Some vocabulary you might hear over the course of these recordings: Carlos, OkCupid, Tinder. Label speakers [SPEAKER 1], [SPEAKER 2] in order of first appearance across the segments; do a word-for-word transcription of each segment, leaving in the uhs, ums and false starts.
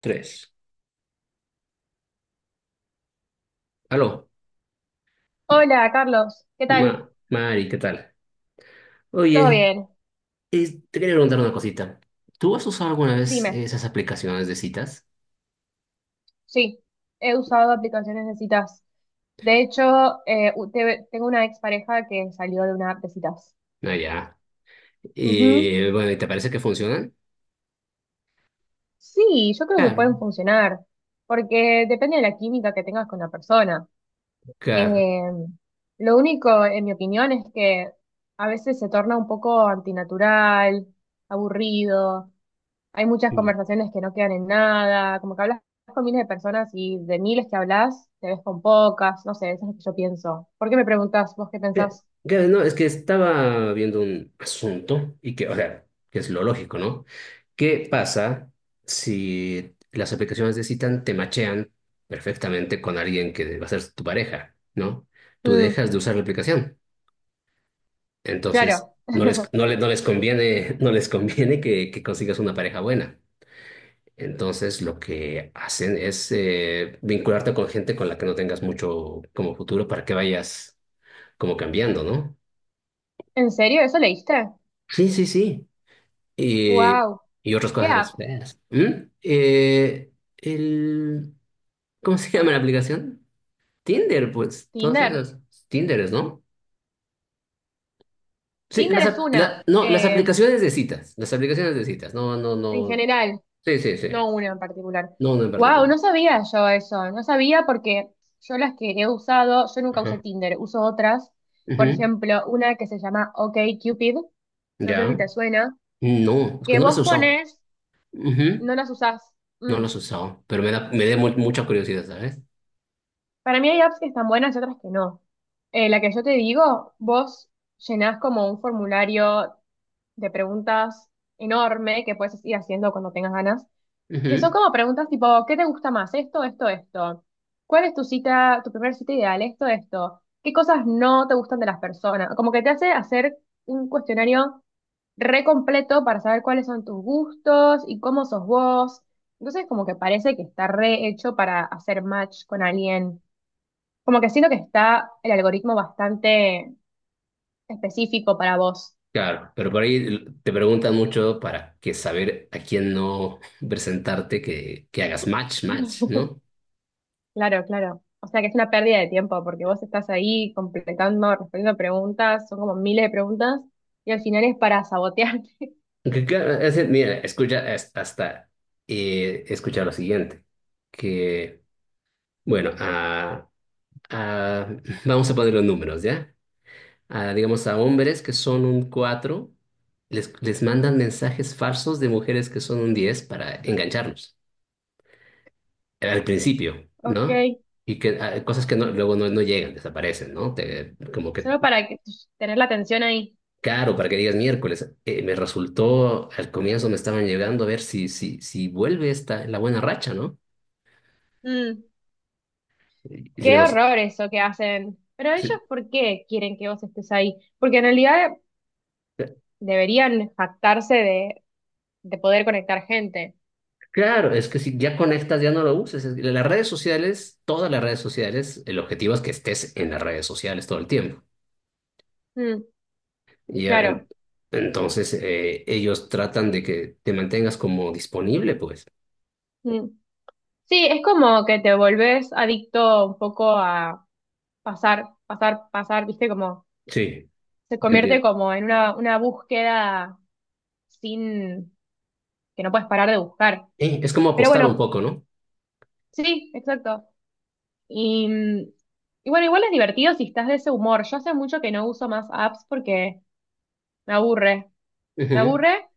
[SPEAKER 1] Tres. Aló,
[SPEAKER 2] Hola, Carlos, ¿qué tal?
[SPEAKER 1] Ma- Mari, ¿qué tal?
[SPEAKER 2] ¿Todo
[SPEAKER 1] Oye,
[SPEAKER 2] bien?
[SPEAKER 1] eh, te quería preguntar una cosita. ¿Tú has usado alguna vez
[SPEAKER 2] Dime,
[SPEAKER 1] esas aplicaciones de citas?
[SPEAKER 2] sí, he usado aplicaciones de citas. De hecho, eh, u- te- tengo una expareja que salió de una app de citas.
[SPEAKER 1] Ah, ya.
[SPEAKER 2] Ujú.
[SPEAKER 1] Eh, bueno, ¿y te parece que funcionan?
[SPEAKER 2] Sí, yo creo que
[SPEAKER 1] Claro,
[SPEAKER 2] pueden funcionar, porque depende de la química que tengas con la persona.
[SPEAKER 1] claro.
[SPEAKER 2] Eh, lo único, en mi opinión, es que a veces se torna un poco antinatural, aburrido. Hay muchas
[SPEAKER 1] Mm.
[SPEAKER 2] conversaciones que no quedan en nada, como que hablas con miles de personas y de miles que hablas, te ves con pocas, no sé, eso es lo que yo pienso. ¿Por qué me preguntás vos qué
[SPEAKER 1] Cla-
[SPEAKER 2] pensás?
[SPEAKER 1] Claro, no, es que estaba viendo un asunto y que, o sea, que es lo lógico, ¿no? ¿Qué pasa si las aplicaciones de citas te machean perfectamente con alguien que va a ser tu pareja, ¿no? Tú
[SPEAKER 2] Mm,
[SPEAKER 1] dejas de usar la aplicación. Entonces,
[SPEAKER 2] claro,
[SPEAKER 1] no les, no le- no les conviene, no les conviene que, que consigas una pareja buena. Entonces, lo que hacen es eh, vincularte con gente con la que no tengas mucho como futuro para que vayas como cambiando, ¿no?
[SPEAKER 2] ¿en serio? ¿Eso leíste?
[SPEAKER 1] Sí, sí, sí. Y,
[SPEAKER 2] Wow,
[SPEAKER 1] y otras
[SPEAKER 2] ¿qué
[SPEAKER 1] cosas más
[SPEAKER 2] app?
[SPEAKER 1] feas. ¿Mm? Eh, el, ¿cómo se llama la aplicación? Tinder, pues, todas
[SPEAKER 2] Tinder.
[SPEAKER 1] esas. Tinderes, ¿no? Sí,
[SPEAKER 2] Tinder
[SPEAKER 1] las,
[SPEAKER 2] es
[SPEAKER 1] ap-
[SPEAKER 2] una,
[SPEAKER 1] la- no, las
[SPEAKER 2] eh,
[SPEAKER 1] aplicaciones de citas. Las aplicaciones de citas. No, no,
[SPEAKER 2] en
[SPEAKER 1] no.
[SPEAKER 2] general.
[SPEAKER 1] Sí, sí, sí.
[SPEAKER 2] No una en particular.
[SPEAKER 1] No, no en
[SPEAKER 2] Wow,
[SPEAKER 1] particular.
[SPEAKER 2] no sabía yo eso, no sabía porque yo las que he usado, yo nunca usé
[SPEAKER 1] Ajá.
[SPEAKER 2] Tinder, uso otras. Por
[SPEAKER 1] Ujú.
[SPEAKER 2] ejemplo, una que se llama OkCupid, no sé si
[SPEAKER 1] Ya.
[SPEAKER 2] te suena,
[SPEAKER 1] No, es que
[SPEAKER 2] que
[SPEAKER 1] no las
[SPEAKER 2] vos
[SPEAKER 1] he usado.
[SPEAKER 2] pones,
[SPEAKER 1] Ujú.
[SPEAKER 2] no las usás.
[SPEAKER 1] No
[SPEAKER 2] Mm.
[SPEAKER 1] las he usado, pero me da, me da mu- mucha curiosidad, ¿sabes?
[SPEAKER 2] Para mí hay apps que están buenas y otras que no. Eh, la que yo te digo, vos llenás como un formulario de preguntas enorme que puedes ir haciendo cuando tengas ganas. Que son
[SPEAKER 1] Ujú.
[SPEAKER 2] como preguntas tipo, ¿qué te gusta más? Esto, esto, esto. ¿Cuál es tu cita, tu primer cita ideal? Esto, esto. ¿Qué cosas no te gustan de las personas? Como que te hace hacer un cuestionario re completo para saber cuáles son tus gustos y cómo sos vos. Entonces, como que parece que está re hecho para hacer match con alguien. Como que siento que está el algoritmo bastante específico para vos.
[SPEAKER 1] Claro, pero por ahí te preguntan mucho para que saber a quién no presentarte, que, que hagas match, match, ¿no?
[SPEAKER 2] Claro, claro. O sea que es una pérdida de tiempo porque vos estás ahí completando, respondiendo preguntas, son como miles de preguntas y al final es para sabotearte.
[SPEAKER 1] Que claro, es decir, mira, escucha es- hasta eh, escuchar lo siguiente, que, bueno, ah, ah, vamos a poner los números, ¿ya? A, digamos, a hombres que son un cuatro les, les mandan mensajes falsos de mujeres que son un diez para engancharlos. eh, Al principio,
[SPEAKER 2] Ok,
[SPEAKER 1] ¿no? Y que ah, cosas que no- luego no, no llegan, desaparecen, ¿no? Te- como que,
[SPEAKER 2] solo para que- tener la atención ahí.
[SPEAKER 1] claro, para que digas miércoles, eh, me resultó, al comienzo me estaban llegando a ver si, si, si vuelve esta, la buena racha, ¿no?
[SPEAKER 2] Mm,
[SPEAKER 1] Y, y yo
[SPEAKER 2] qué
[SPEAKER 1] no sé,
[SPEAKER 2] horror eso que hacen. Pero ellos,
[SPEAKER 1] sí,
[SPEAKER 2] ¿por qué quieren que vos estés ahí? Porque en realidad
[SPEAKER 1] eh,
[SPEAKER 2] deberían jactarse de, de poder conectar gente.
[SPEAKER 1] Claro, es que si ya conectas, ya no lo uses. Es que las redes sociales, todas las redes sociales, el objetivo es que estés en las redes sociales todo el tiempo.
[SPEAKER 2] Mm,
[SPEAKER 1] Y ya, en-
[SPEAKER 2] claro.
[SPEAKER 1] entonces eh, ellos tratan de que te mantengas como disponible, pues.
[SPEAKER 2] Mm. Sí, es como que te volvés adicto un poco a pasar, pasar, pasar, viste, como
[SPEAKER 1] Sí,
[SPEAKER 2] se
[SPEAKER 1] te
[SPEAKER 2] convierte
[SPEAKER 1] entiendo.
[SPEAKER 2] como en una, una búsqueda sin que no puedes parar de buscar.
[SPEAKER 1] Eh, es como
[SPEAKER 2] Pero
[SPEAKER 1] apostar un
[SPEAKER 2] bueno,
[SPEAKER 1] poco, ¿no?
[SPEAKER 2] sí, exacto. Y, y bueno, igual es divertido si estás de ese humor. Yo hace mucho que no uso más apps porque me aburre, me
[SPEAKER 1] Ujú,
[SPEAKER 2] aburre,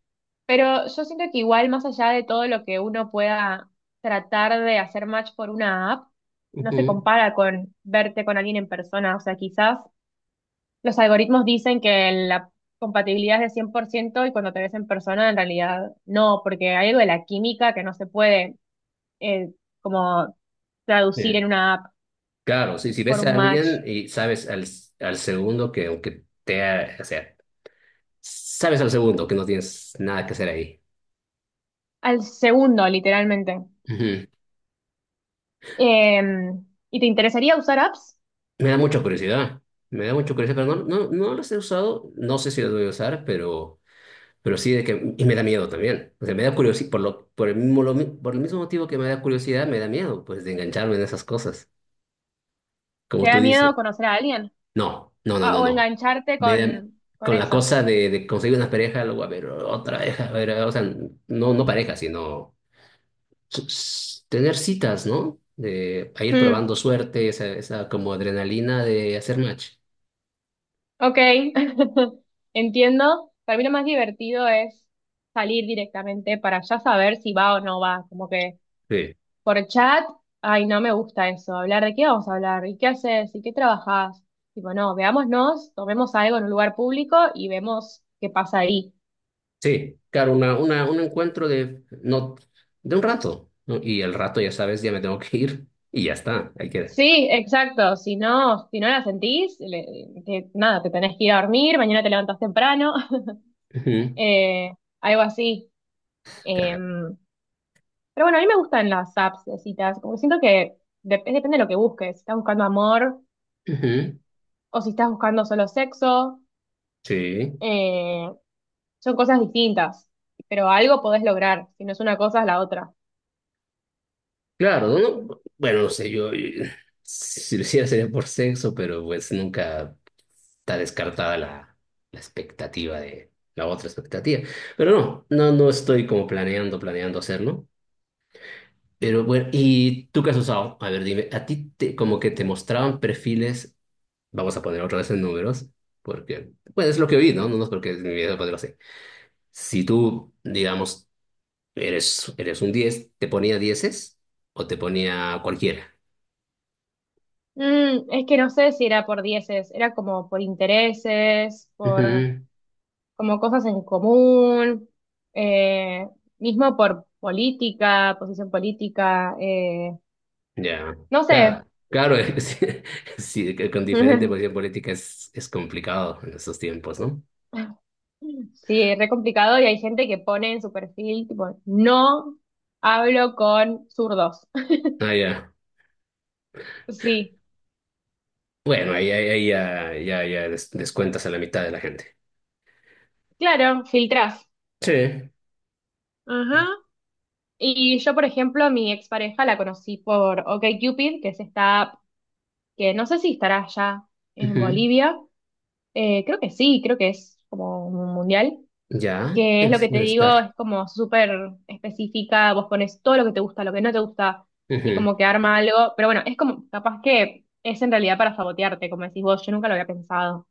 [SPEAKER 2] pero yo siento que igual más allá de todo lo que uno pueda tratar de hacer match por una app, no se
[SPEAKER 1] ujú.
[SPEAKER 2] compara con verte con alguien en persona. O sea, quizás los algoritmos dicen que la compatibilidad es de cien por ciento y cuando te ves en persona en realidad no, porque hay algo de la química que no se puede eh, como traducir
[SPEAKER 1] Sí.
[SPEAKER 2] en una app
[SPEAKER 1] Claro, sí, si
[SPEAKER 2] por
[SPEAKER 1] ves
[SPEAKER 2] un
[SPEAKER 1] a
[SPEAKER 2] match
[SPEAKER 1] alguien y sabes al, al segundo que aunque te, ha- o sea, sabes al segundo que no tienes nada que hacer ahí.
[SPEAKER 2] al segundo, literalmente.
[SPEAKER 1] Ujú.
[SPEAKER 2] Eh, ¿y te interesaría usar apps?
[SPEAKER 1] Me da mucha curiosidad, me da mucha curiosidad, pero no, no, no los he usado, no sé si los voy a usar, pero Pero sí, de que, y me da miedo también. O sea, me da curiosidad, por lo, por el mismo, lo mi- por el mismo motivo que me da curiosidad, me da miedo, pues, de engancharme en esas cosas.
[SPEAKER 2] ¿Te
[SPEAKER 1] Como tú
[SPEAKER 2] da
[SPEAKER 1] dices,
[SPEAKER 2] miedo conocer a alguien?
[SPEAKER 1] no, no, no,
[SPEAKER 2] Ah,
[SPEAKER 1] no,
[SPEAKER 2] o
[SPEAKER 1] no.
[SPEAKER 2] engancharte
[SPEAKER 1] Me da-
[SPEAKER 2] con, con
[SPEAKER 1] con la
[SPEAKER 2] eso.
[SPEAKER 1] cosa de, de conseguir una pareja, luego a ver otra pareja, a ver, o sea, no, no pareja, sino s- s- tener citas, ¿no? De a ir
[SPEAKER 2] Hmm,
[SPEAKER 1] probando suerte, esa, esa como adrenalina de hacer match.
[SPEAKER 2] ok, entiendo. Para mí lo más divertido es salir directamente para ya saber si va o no va, como que Por chat, ay, no me gusta eso. Hablar de qué vamos a hablar, y qué haces, y qué trabajas. Tipo, no, veámonos, tomemos algo en un lugar público y vemos qué pasa ahí.
[SPEAKER 1] Sí, claro, una, una, un encuentro de, no, de un rato, ¿no? Y el rato, ya sabes, ya me tengo que ir y ya está, ahí queda.
[SPEAKER 2] Sí, exacto. Si no, si no la sentís, le- te- nada, te tenés que ir a dormir, mañana te levantás temprano,
[SPEAKER 1] Ujú,
[SPEAKER 2] eh, algo así.
[SPEAKER 1] claro.
[SPEAKER 2] Em, pero bueno, a mí me gustan las apps de citas, como que siento que dep- depende de lo que busques. Si estás buscando amor
[SPEAKER 1] Ujú,
[SPEAKER 2] o si estás buscando solo sexo.
[SPEAKER 1] sí,
[SPEAKER 2] eh, Son cosas distintas, pero algo podés lograr, si no es una cosa es la otra.
[SPEAKER 1] claro, ¿no? Bueno, no sé, yo eh, si lo hiciera sería por sexo, pero pues nunca está descartada la, la expectativa de la otra expectativa. Pero no, no, no estoy como planeando, planeando hacerlo. Pero bueno, ¿y tú qué has usado? A ver, dime, ¿a ti te- como que te mostraban perfiles? Vamos a poner otra vez en números, porque, bueno, es lo que vi, ¿no? No, no es porque mi vida ponerlo así. Si tú, digamos, eres, eres un diez, ¿te ponía dieces o te ponía cualquiera?
[SPEAKER 2] Mm, es que no sé si era por dieces, era como por intereses, por
[SPEAKER 1] Ujú.
[SPEAKER 2] como cosas en común, eh, mismo por política, posición política, eh,
[SPEAKER 1] Ya,
[SPEAKER 2] no sé.
[SPEAKER 1] claro, claro, es- sí, que con diferente posición política es, es complicado en estos tiempos, ¿no?
[SPEAKER 2] Sí, es re complicado y hay gente que pone en su perfil, tipo, no hablo con zurdos.
[SPEAKER 1] Ah, ya.
[SPEAKER 2] Sí,
[SPEAKER 1] Bueno, ahí, ahí, ahí ya, ya, ya des- descuentas a la mitad de la gente.
[SPEAKER 2] claro, filtrás.
[SPEAKER 1] Sí.
[SPEAKER 2] Ajá. Y yo, por ejemplo, a mi expareja la conocí por OkCupid, que es esta app que no sé si estará ya en
[SPEAKER 1] Ujú.
[SPEAKER 2] Bolivia. Eh, creo que sí, creo que es como un mundial.
[SPEAKER 1] Ya,
[SPEAKER 2] Que es lo
[SPEAKER 1] debes
[SPEAKER 2] que te
[SPEAKER 1] debe
[SPEAKER 2] digo,
[SPEAKER 1] estar.
[SPEAKER 2] es como súper específica. Vos pones todo lo que te gusta, lo que no te gusta, y
[SPEAKER 1] Ujú.
[SPEAKER 2] como que arma algo. Pero bueno, es como, capaz que es en realidad para sabotearte, como decís vos, yo nunca lo había pensado.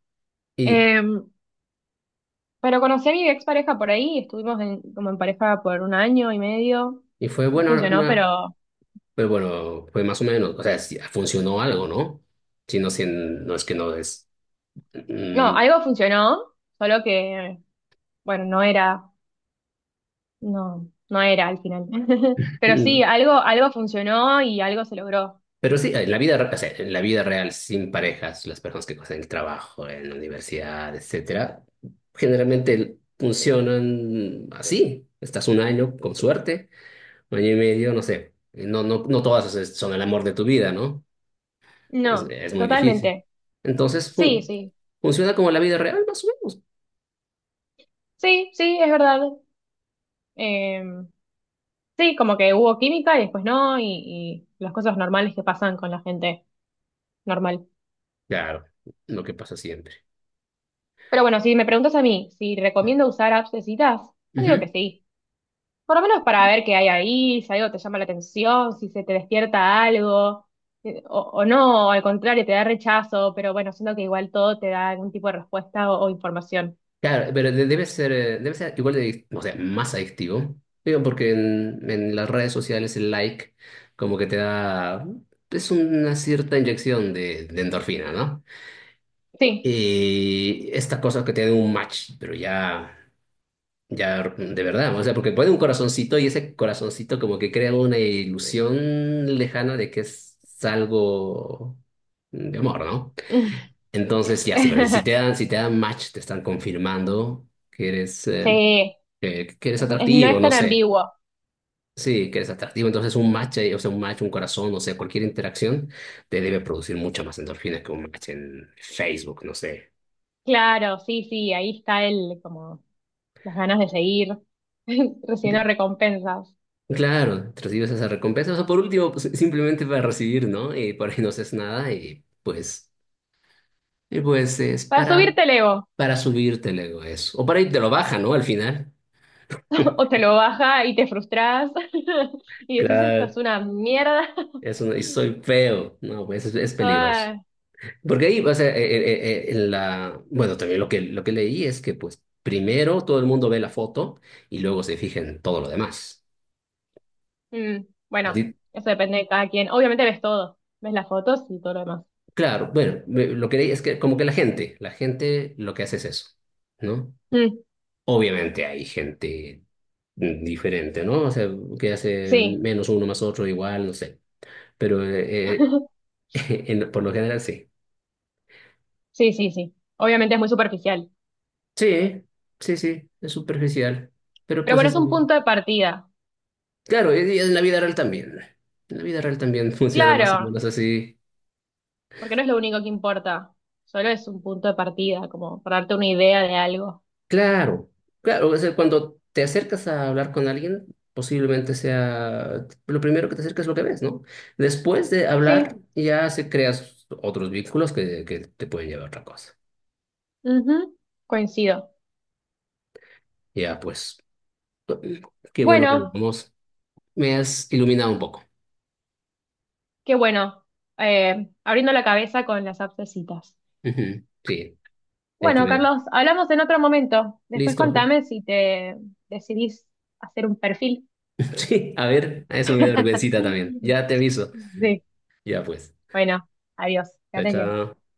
[SPEAKER 1] Y,
[SPEAKER 2] Eh, pero conocí a mi expareja por ahí, estuvimos en- como en pareja por un año y medio.
[SPEAKER 1] y fue
[SPEAKER 2] No
[SPEAKER 1] buena,
[SPEAKER 2] funcionó,
[SPEAKER 1] una,
[SPEAKER 2] pero.
[SPEAKER 1] pero bueno, fue más o menos, o sea, sí, funcionó algo, ¿no? Si no, si no es que no es.
[SPEAKER 2] No,
[SPEAKER 1] Mm,
[SPEAKER 2] algo funcionó, solo que, bueno, no era, no, no era al final. Pero sí,
[SPEAKER 1] mm.
[SPEAKER 2] algo, algo funcionó y algo se logró.
[SPEAKER 1] Pero sí, en la vida, re- o sea, en la vida real, sin parejas, las personas que hacen el trabajo, en la universidad, etcétera, generalmente funcionan así. Estás un año, con suerte, un año y medio, no sé. No, no, no todas es- son el amor de tu vida, ¿no? Es,
[SPEAKER 2] No,
[SPEAKER 1] es muy difícil.
[SPEAKER 2] totalmente.
[SPEAKER 1] Entonces,
[SPEAKER 2] Sí,
[SPEAKER 1] fun-
[SPEAKER 2] sí,
[SPEAKER 1] funciona como la vida real, más o menos.
[SPEAKER 2] sí, sí, es verdad. Eh, sí, como que hubo química y después no, y, y las cosas normales que pasan con la gente normal.
[SPEAKER 1] Claro, lo que pasa siempre.
[SPEAKER 2] Pero bueno, si me preguntas a mí si recomiendo usar apps de citas, yo digo
[SPEAKER 1] Ujú.
[SPEAKER 2] que sí. Por lo menos para ver qué hay ahí, si algo te llama la atención, si se te despierta algo, eh, o, o no, o al contrario, te da rechazo, pero bueno, siento que igual todo te da algún tipo de respuesta o, o información.
[SPEAKER 1] Claro, pero de- debe ser, eh, debe ser igual de, adic- o sea, más adictivo. Digo, porque en, en las redes sociales el like como que te da, es una cierta inyección de, de endorfina, ¿no?
[SPEAKER 2] Sí.
[SPEAKER 1] Y esta cosa que te da un match, pero ya, ya de verdad, o sea, porque pone un corazoncito y ese corazoncito como que crea una ilusión lejana de que es algo de amor, ¿no? Entonces, ya, sí, pero si te dan, si te dan match, te están confirmando que eres eh,
[SPEAKER 2] Sí,
[SPEAKER 1] que, que eres
[SPEAKER 2] es- es- no
[SPEAKER 1] atractivo,
[SPEAKER 2] es
[SPEAKER 1] no
[SPEAKER 2] tan
[SPEAKER 1] sé.
[SPEAKER 2] ambiguo.
[SPEAKER 1] Sí, que eres atractivo, entonces un match, eh, o sea, un match, un corazón, o sea, cualquier interacción te debe producir mucha más endorfina que un match en Facebook, no sé.
[SPEAKER 2] Claro, sí, sí, ahí está el, como, las ganas de seguir recibiendo
[SPEAKER 1] G-
[SPEAKER 2] recompensas.
[SPEAKER 1] Claro, te recibes esa recompensa, o sea, por último, pues, simplemente para recibir, ¿no? Y por ahí no haces nada y pues, y pues, es
[SPEAKER 2] Para
[SPEAKER 1] para,
[SPEAKER 2] subirte el ego,
[SPEAKER 1] para subirte el ego eso. O para ahí te lo baja, ¿no? Al final.
[SPEAKER 2] o te lo baja y te frustras, y decís, esto es
[SPEAKER 1] Claro,
[SPEAKER 2] una mierda.
[SPEAKER 1] eso no, y soy feo, no, pues es es peligroso.
[SPEAKER 2] Ah.
[SPEAKER 1] Porque ahí, o sea, eh, eh, eh, eh, en la, bueno, también lo que, lo que leí es que, pues, primero todo el mundo ve la foto y luego se fija en todo lo demás.
[SPEAKER 2] Mm,
[SPEAKER 1] A ti-
[SPEAKER 2] bueno, eso depende de cada quien. Obviamente ves todo, ves las fotos y todo lo demás.
[SPEAKER 1] claro, bueno, me- lo que leí es que como que la gente, la gente lo que hace es eso, ¿no?
[SPEAKER 2] Mm,
[SPEAKER 1] Obviamente hay gente mm, diferente, ¿no? O sea, que hace
[SPEAKER 2] sí,
[SPEAKER 1] menos uno más otro igual, no sé. Pero eh, eh, en- por lo general sí.
[SPEAKER 2] sí, sí, sí. Obviamente es muy superficial.
[SPEAKER 1] Sí, sí, sí, es superficial. Pero
[SPEAKER 2] Pero
[SPEAKER 1] pues
[SPEAKER 2] bueno,
[SPEAKER 1] es
[SPEAKER 2] es
[SPEAKER 1] eso.
[SPEAKER 2] un
[SPEAKER 1] Sí.
[SPEAKER 2] punto de partida.
[SPEAKER 1] Claro, y y en la vida real también. En la vida real también funciona más o
[SPEAKER 2] Claro,
[SPEAKER 1] menos así.
[SPEAKER 2] porque no es lo único que importa. Solo es un punto de partida, como para darte una idea de algo.
[SPEAKER 1] Claro, claro, o sea, cuando te acercas a hablar con alguien, posiblemente sea lo primero que te acercas lo que ves, ¿no? Después de
[SPEAKER 2] Sí,
[SPEAKER 1] hablar, ya se creas otros vínculos que, que te pueden llevar a otra cosa.
[SPEAKER 2] ujú, coincido.
[SPEAKER 1] Ya, pues, qué bueno que
[SPEAKER 2] Bueno,
[SPEAKER 1] hablamos. Me has iluminado un poco.
[SPEAKER 2] qué bueno. Eh, abriendo la cabeza con las abscesitas.
[SPEAKER 1] Ujú, sí, hay que
[SPEAKER 2] Bueno,
[SPEAKER 1] ver.
[SPEAKER 2] Carlos, hablamos en otro momento. Después
[SPEAKER 1] Listo.
[SPEAKER 2] contame si te decidís hacer un perfil.
[SPEAKER 1] Sí, a ver, a eso me da vergüencita también. Ya te aviso.
[SPEAKER 2] Sí,
[SPEAKER 1] Ya, pues.
[SPEAKER 2] bueno, adiós, que
[SPEAKER 1] Chao,
[SPEAKER 2] andes bien.
[SPEAKER 1] chao.